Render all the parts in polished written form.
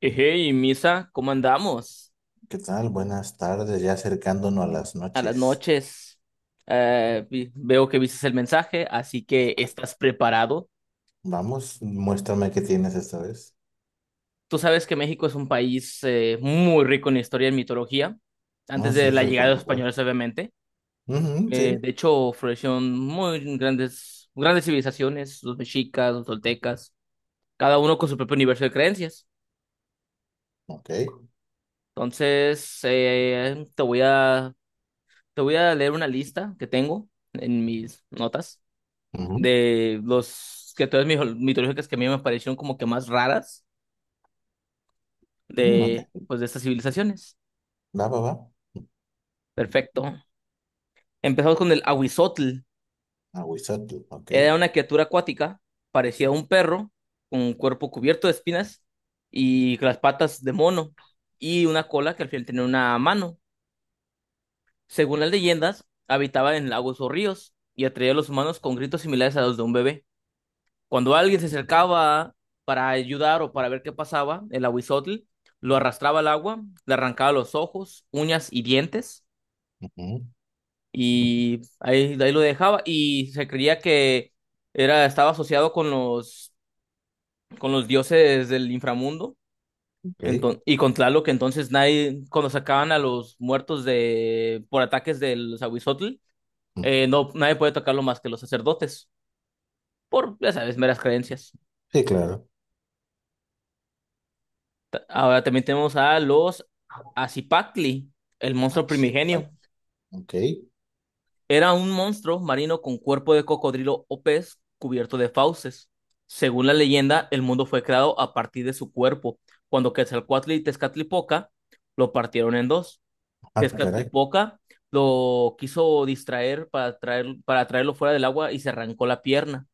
Hey, Misa, ¿cómo andamos? ¿Qué tal? Buenas tardes, ya acercándonos a las A las noches. noches. Veo que viste el mensaje, así que estás preparado. Vamos, muéstrame qué tienes esta vez. Tú sabes que México es un país muy rico en historia y mitología, No, antes sí, de la eso es llegada de los folclore. españoles, obviamente. Ujú, sí, De hecho, florecieron muy grandes, grandes civilizaciones, los mexicas, los toltecas, cada uno con su propio universo de creencias. ok. Entonces, te voy a leer una lista que tengo en mis notas Ujú, de los que todas mis mitológicas que a mí me parecieron como que más raras mm, de, ok. pues, de estas civilizaciones. Va, va, va. Perfecto. Empezamos con el Ahuizotl. Aguizotl, ok. Era una criatura acuática, parecía un perro, con un cuerpo cubierto de espinas y con las patas de mono y una cola que al final tenía una mano. Según las leyendas, habitaba en lagos o ríos y atraía a los humanos con gritos similares a los de un bebé. Cuando alguien se acercaba para ayudar o para ver qué pasaba, el aguizotl lo arrastraba al agua, le arrancaba los ojos, uñas y dientes, Ujú, de ahí lo dejaba. Y se creía que estaba asociado con los dioses del inframundo. ok. Y con Tlaloc, que entonces nadie, cuando sacaban a los muertos por ataques del aguizotl, Mm, no, nadie puede tocarlo más que los sacerdotes, por, ya sabes, meras creencias. sí, claro. Ahora también tenemos a los Acipactli, el Ah, monstruo sí, ay, primigenio. ok. Era un monstruo marino con cuerpo de cocodrilo o pez cubierto de fauces. Según la leyenda, el mundo fue creado a partir de su cuerpo, cuando Quetzalcóatl y Tezcatlipoca lo partieron en dos. Ah, caray. Tezcatlipoca lo quiso distraer para traerlo fuera del agua y se arrancó la pierna.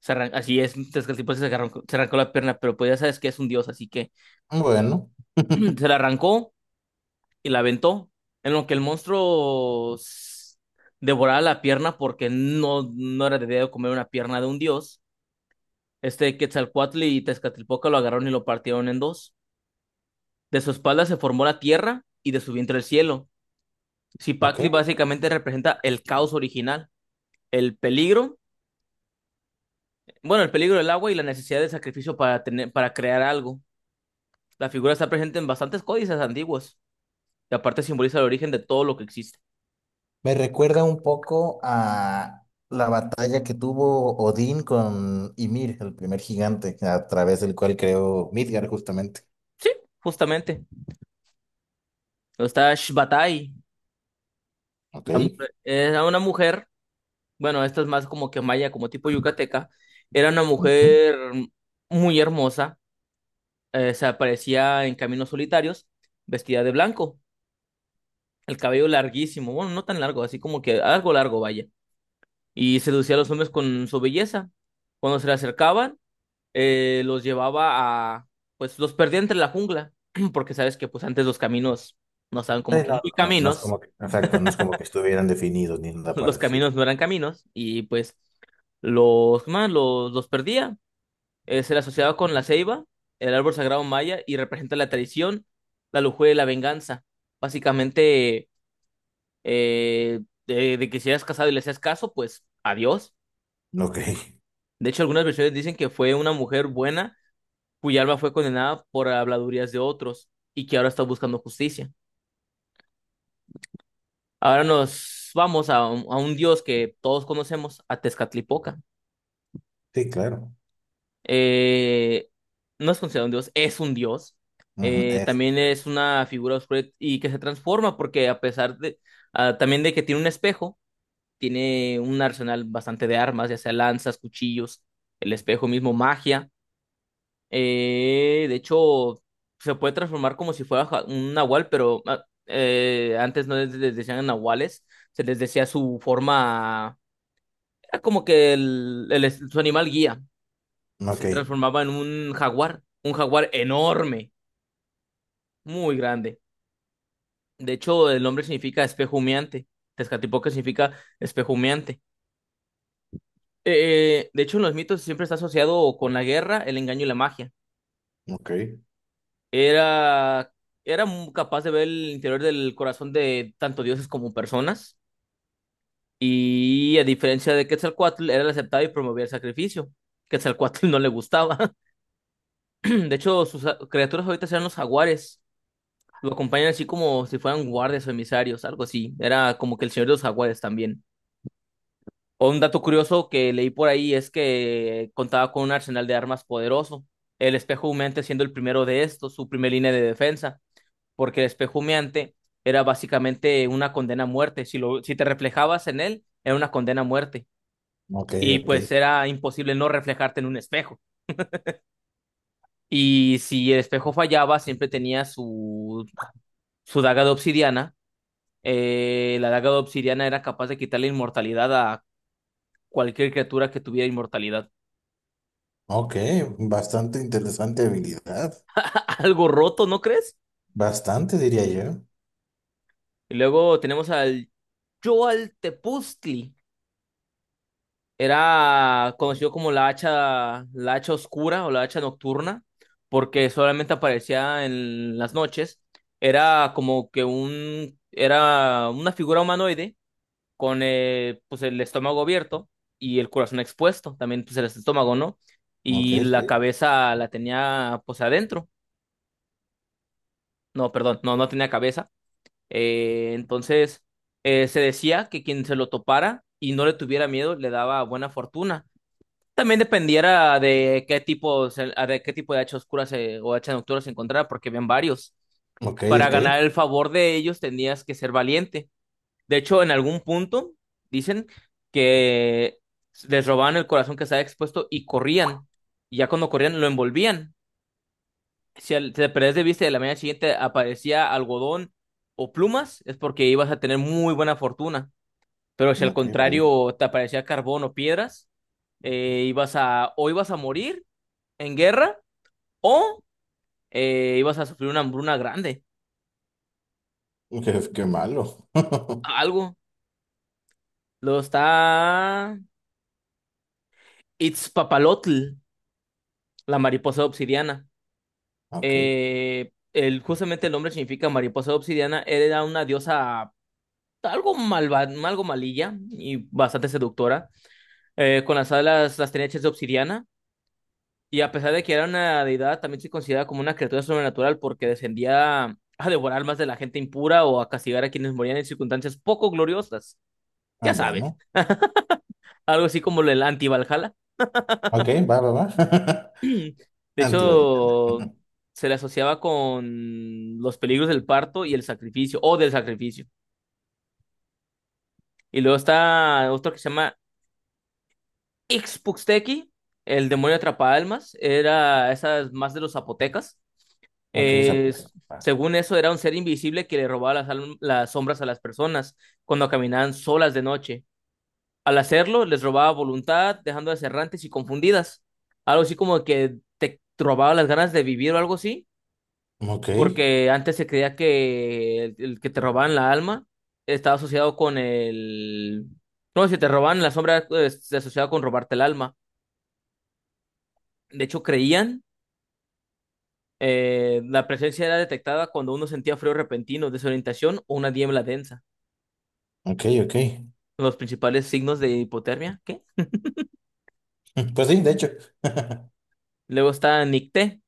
Así es, Tezcatlipoca se arrancó la pierna, pero pues ya sabes que es un dios, así que Bueno, se la arrancó y la aventó, en lo que el monstruo devoraba la pierna porque no, no era debido comer una pierna de un dios. Este Quetzalcóatl y Tezcatlipoca lo agarraron y lo partieron en dos. De su espalda se formó la tierra y de su vientre el cielo. ok. Cipactli básicamente representa el caos original, el peligro, bueno, el peligro del agua y la necesidad de sacrificio para crear algo. La figura está presente en bastantes códices antiguos y aparte simboliza el origen de todo lo que existe. Me recuerda un poco a la batalla que tuvo Odín con Ymir, el primer gigante, a través del cual creó Midgard, justamente. Sí, justamente. Está Shbatai. Ok. Era una mujer, bueno, esta es más como que maya, como tipo yucateca, era una Ujú. mujer muy hermosa. Se aparecía en caminos solitarios, vestida de blanco, el cabello larguísimo, bueno, no tan largo, así como que algo largo, vaya, y seducía a los hombres con su belleza. Cuando se le acercaban, eh, los llevaba a, pues los perdía entre la jungla, porque sabes que pues antes los caminos no estaban Sí, como que no, muy no, no es caminos. como que, exacto, no es como que estuvieran definidos ni nada Los parecido. caminos no eran caminos y pues ¿cómo se llama? Los perdía. Se le asociaba con la ceiba, el árbol sagrado maya, y representa la traición, la lujuria y la venganza. Básicamente, eh, de que si eras casado y le hacías caso, pues adiós. Ok, De hecho, algunas versiones dicen que fue una mujer buena cuya alma fue condenada por habladurías de otros y que ahora está buscando justicia. Ahora nos vamos a un dios que todos conocemos, a Tezcatlipoca. sí, claro. Eh, no es considerado un dios, es un dios. Ujú, Eh, eso, también es Dios. una figura oscura y que se transforma porque a pesar de, también de que tiene un espejo, tiene un arsenal bastante de armas, ya sea lanzas, cuchillos, el espejo mismo, magia. De hecho, se puede transformar como si fuera un nahual, pero antes no les decían nahuales, se les decía su forma, era como que su animal guía Ok, se transformaba en un jaguar enorme, muy grande. De hecho, el nombre significa espejo humeante. Tezcatlipoca significa espejo humeante. De hecho, en los mitos siempre está asociado con la guerra, el engaño y la magia. ok, Era, capaz de ver el interior del corazón de tanto dioses como personas. Y a diferencia de Quetzalcóatl, era el aceptado y promovía el sacrificio. Quetzalcóatl no le gustaba. De hecho, sus criaturas ahorita eran los jaguares. Lo acompañan así como si fueran guardias o emisarios, algo así. Era como que el señor de los jaguares también. O un dato curioso que leí por ahí es que contaba con un arsenal de armas poderoso. El espejo humeante siendo el primero de estos, su primer línea de defensa. Porque el espejo humeante era básicamente una condena a muerte. Si te reflejabas en él, era una condena a muerte. ok, Y ok. pues era imposible no reflejarte en un espejo. Y si el espejo fallaba, siempre tenía su daga de obsidiana. La daga de obsidiana era capaz de quitarle inmortalidad a cualquier criatura que tuviera inmortalidad. Ok, bastante interesante habilidad. Algo roto, ¿no crees? Bastante, diría yo. Y luego tenemos al Tepuztli. Era conocido como la hacha oscura o la hacha nocturna, porque solamente aparecía en las noches. Era como que un, Era una figura humanoide con pues el estómago abierto y el corazón expuesto, también pues el estómago, ¿no? Ok, Y la sí. cabeza la tenía pues adentro, no, perdón, no, no tenía cabeza. Entonces se decía que quien se lo topara y no le tuviera miedo le daba buena fortuna. También dependiera de qué tipo, de qué tipo de hacha oscura o hacha nocturna se encontrara, porque habían varios. Ok, Para ok. ganar el favor de ellos tenías que ser valiente. De hecho, en algún punto dicen que les robaban el corazón que estaba expuesto y corrían. Y ya cuando corrían lo envolvían. Si te perdés de vista y de la mañana siguiente aparecía algodón o plumas, es porque ibas a tener muy buena fortuna. Pero si al Ok, vaya. contrario te aparecía carbón o piedras, ibas a morir en guerra o ibas a sufrir una hambruna grande. Qué, qué malo. Algo. Lo está Itzpapalotl, la mariposa obsidiana. Ok, Justamente el nombre significa mariposa de obsidiana, era una diosa algo malva, algo malilla y bastante seductora, con las alas las tenía hechas de obsidiana, y a pesar de que era una deidad, también se considera como una criatura sobrenatural porque descendía a devorar más de la gente impura o a castigar a quienes morían en circunstancias poco gloriosas, ah, ya sabes, bueno. algo así como el anti-Valhalla. Ok, va, va, va. De Antivalidad. hecho, se le asociaba con los peligros del parto y el sacrificio, o del sacrificio. Y luego está otro que se llama Ixpuxtequi, el demonio atrapaalmas. Era esas más de los zapotecas. Ok, Eh, s- zapoteco. Va. según eso, era un ser invisible que le robaba las sombras a las personas cuando caminaban solas de noche. Al hacerlo, les robaba voluntad, dejándolas errantes y confundidas. Algo así como que te robaba las ganas de vivir o algo así. Ok, Porque antes se creía que el que te robaban la alma estaba asociado con el. No, si te robaban la sombra, se asociaba con robarte el alma. De hecho, creían, la presencia era detectada cuando uno sentía frío repentino, desorientación o una niebla densa. ok, ok. Los principales signos de hipotermia, ¿qué? Pues sí, de hecho. Luego está Nicté.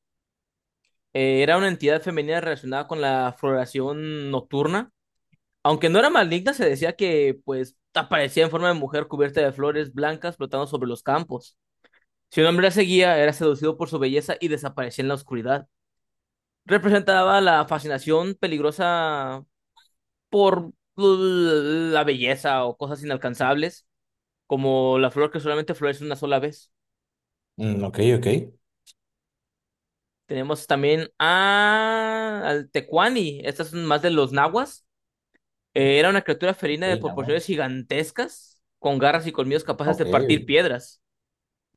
Era una entidad femenina relacionada con la floración nocturna. Aunque no era maligna, se decía que pues aparecía en forma de mujer cubierta de flores blancas flotando sobre los campos. Si un hombre la seguía, era seducido por su belleza y desaparecía en la oscuridad. Representaba la fascinación peligrosa por la belleza o cosas inalcanzables, como la flor que solamente florece una sola vez. Mm, ok, ok. Tenemos también al Tecuani. Estas son más de los nahuas. Era una criatura felina de Ok, proporciones Nahuatl. gigantescas, con garras y colmillos capaces de Ok. partir piedras.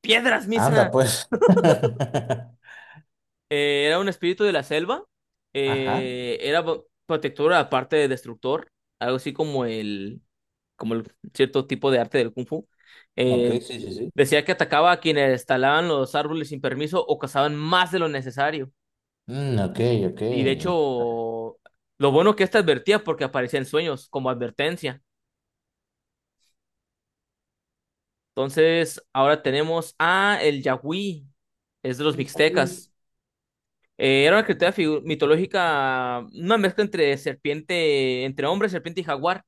¡Piedras, Anda, Misa! pues. Era un espíritu de la selva. Ajá. Era protector, aparte de destructor. Algo así como el cierto tipo de arte del Kung Fu. Ok, Eh, sí, sí, sí. decía que atacaba a quienes talaban los árboles sin permiso o cazaban más de lo necesario. Mm, ok, ok. Y de hecho, lo bueno que esta advertía porque aparecía en sueños como advertencia. Entonces, ahora tenemos a el Yagüí. Es de los Entonces, Yahweh. mixtecas. Era una criatura mitológica, una mezcla entre hombre, serpiente y jaguar.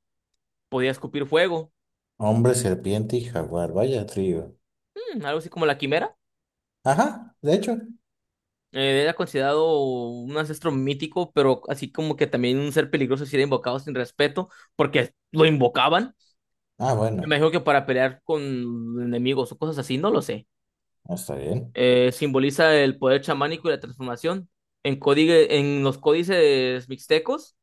Podía escupir fuego, Hombre, serpiente y jaguar. Vaya trío. Algo así como la quimera. Ajá, de hecho. Era considerado un ancestro mítico, pero así como que también un ser peligroso si era invocado sin respeto, porque lo invocaban. Ah, Me bueno. imagino que para pelear con enemigos o cosas así, no lo sé. Está bien. Simboliza el poder chamánico y la transformación. En los códices mixtecos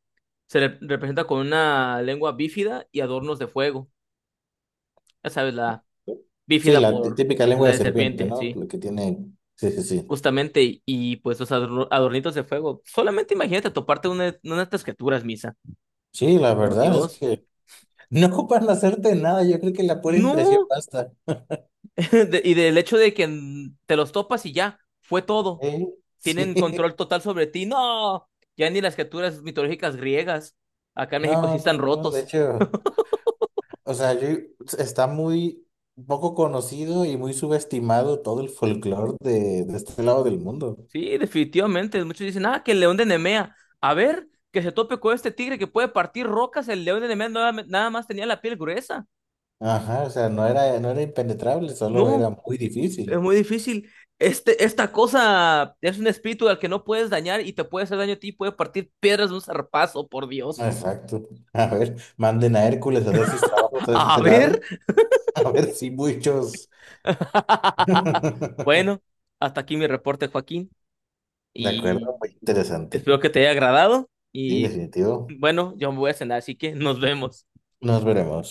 representa con una lengua bífida y adornos de fuego. Ya sabes, la Sí, bífida la tí- por típica lengua la de de serpiente, serpiente, ¿no? sí, Lo que tiene. Sí, sí, sí. justamente, pues los adornitos de fuego. Solamente imagínate toparte una de estas criaturas, Misa, Sí, la por verdad es Dios. que no ocupan hacerte nada. Yo creo que la pura impresión No, basta. Y del hecho de que te los topas y ya, fue todo. ¿Eh? Sí. Tienen control total sobre ti, no, ya ni las criaturas mitológicas griegas, acá en México sí No, no, están no. De rotos. hecho. O sea, yo, está muy poco conocido y muy subestimado todo el folclore de este lado del mundo. Sí, definitivamente, muchos dicen, que el león de Nemea, a ver. Que se tope con este tigre que puede partir rocas, el león de Nemea nada nada más tenía la piel gruesa. Ajá, o sea, no era, no era impenetrable, solo era No, muy es difícil. muy difícil. Esta cosa es un espíritu al que no puedes dañar y te puede hacer daño a ti, puede partir piedras de un zarpazo, por Dios. Exacto. A ver, manden a Hércules a hacer sus trabajos a A este ver. lado. A ver si muchos. Bueno, hasta aquí mi reporte, Joaquín, De y acuerdo, muy interesante. espero que te haya agradado. Sí, Y definitivo. bueno, yo me voy a cenar, así que nos vemos. Nos veremos.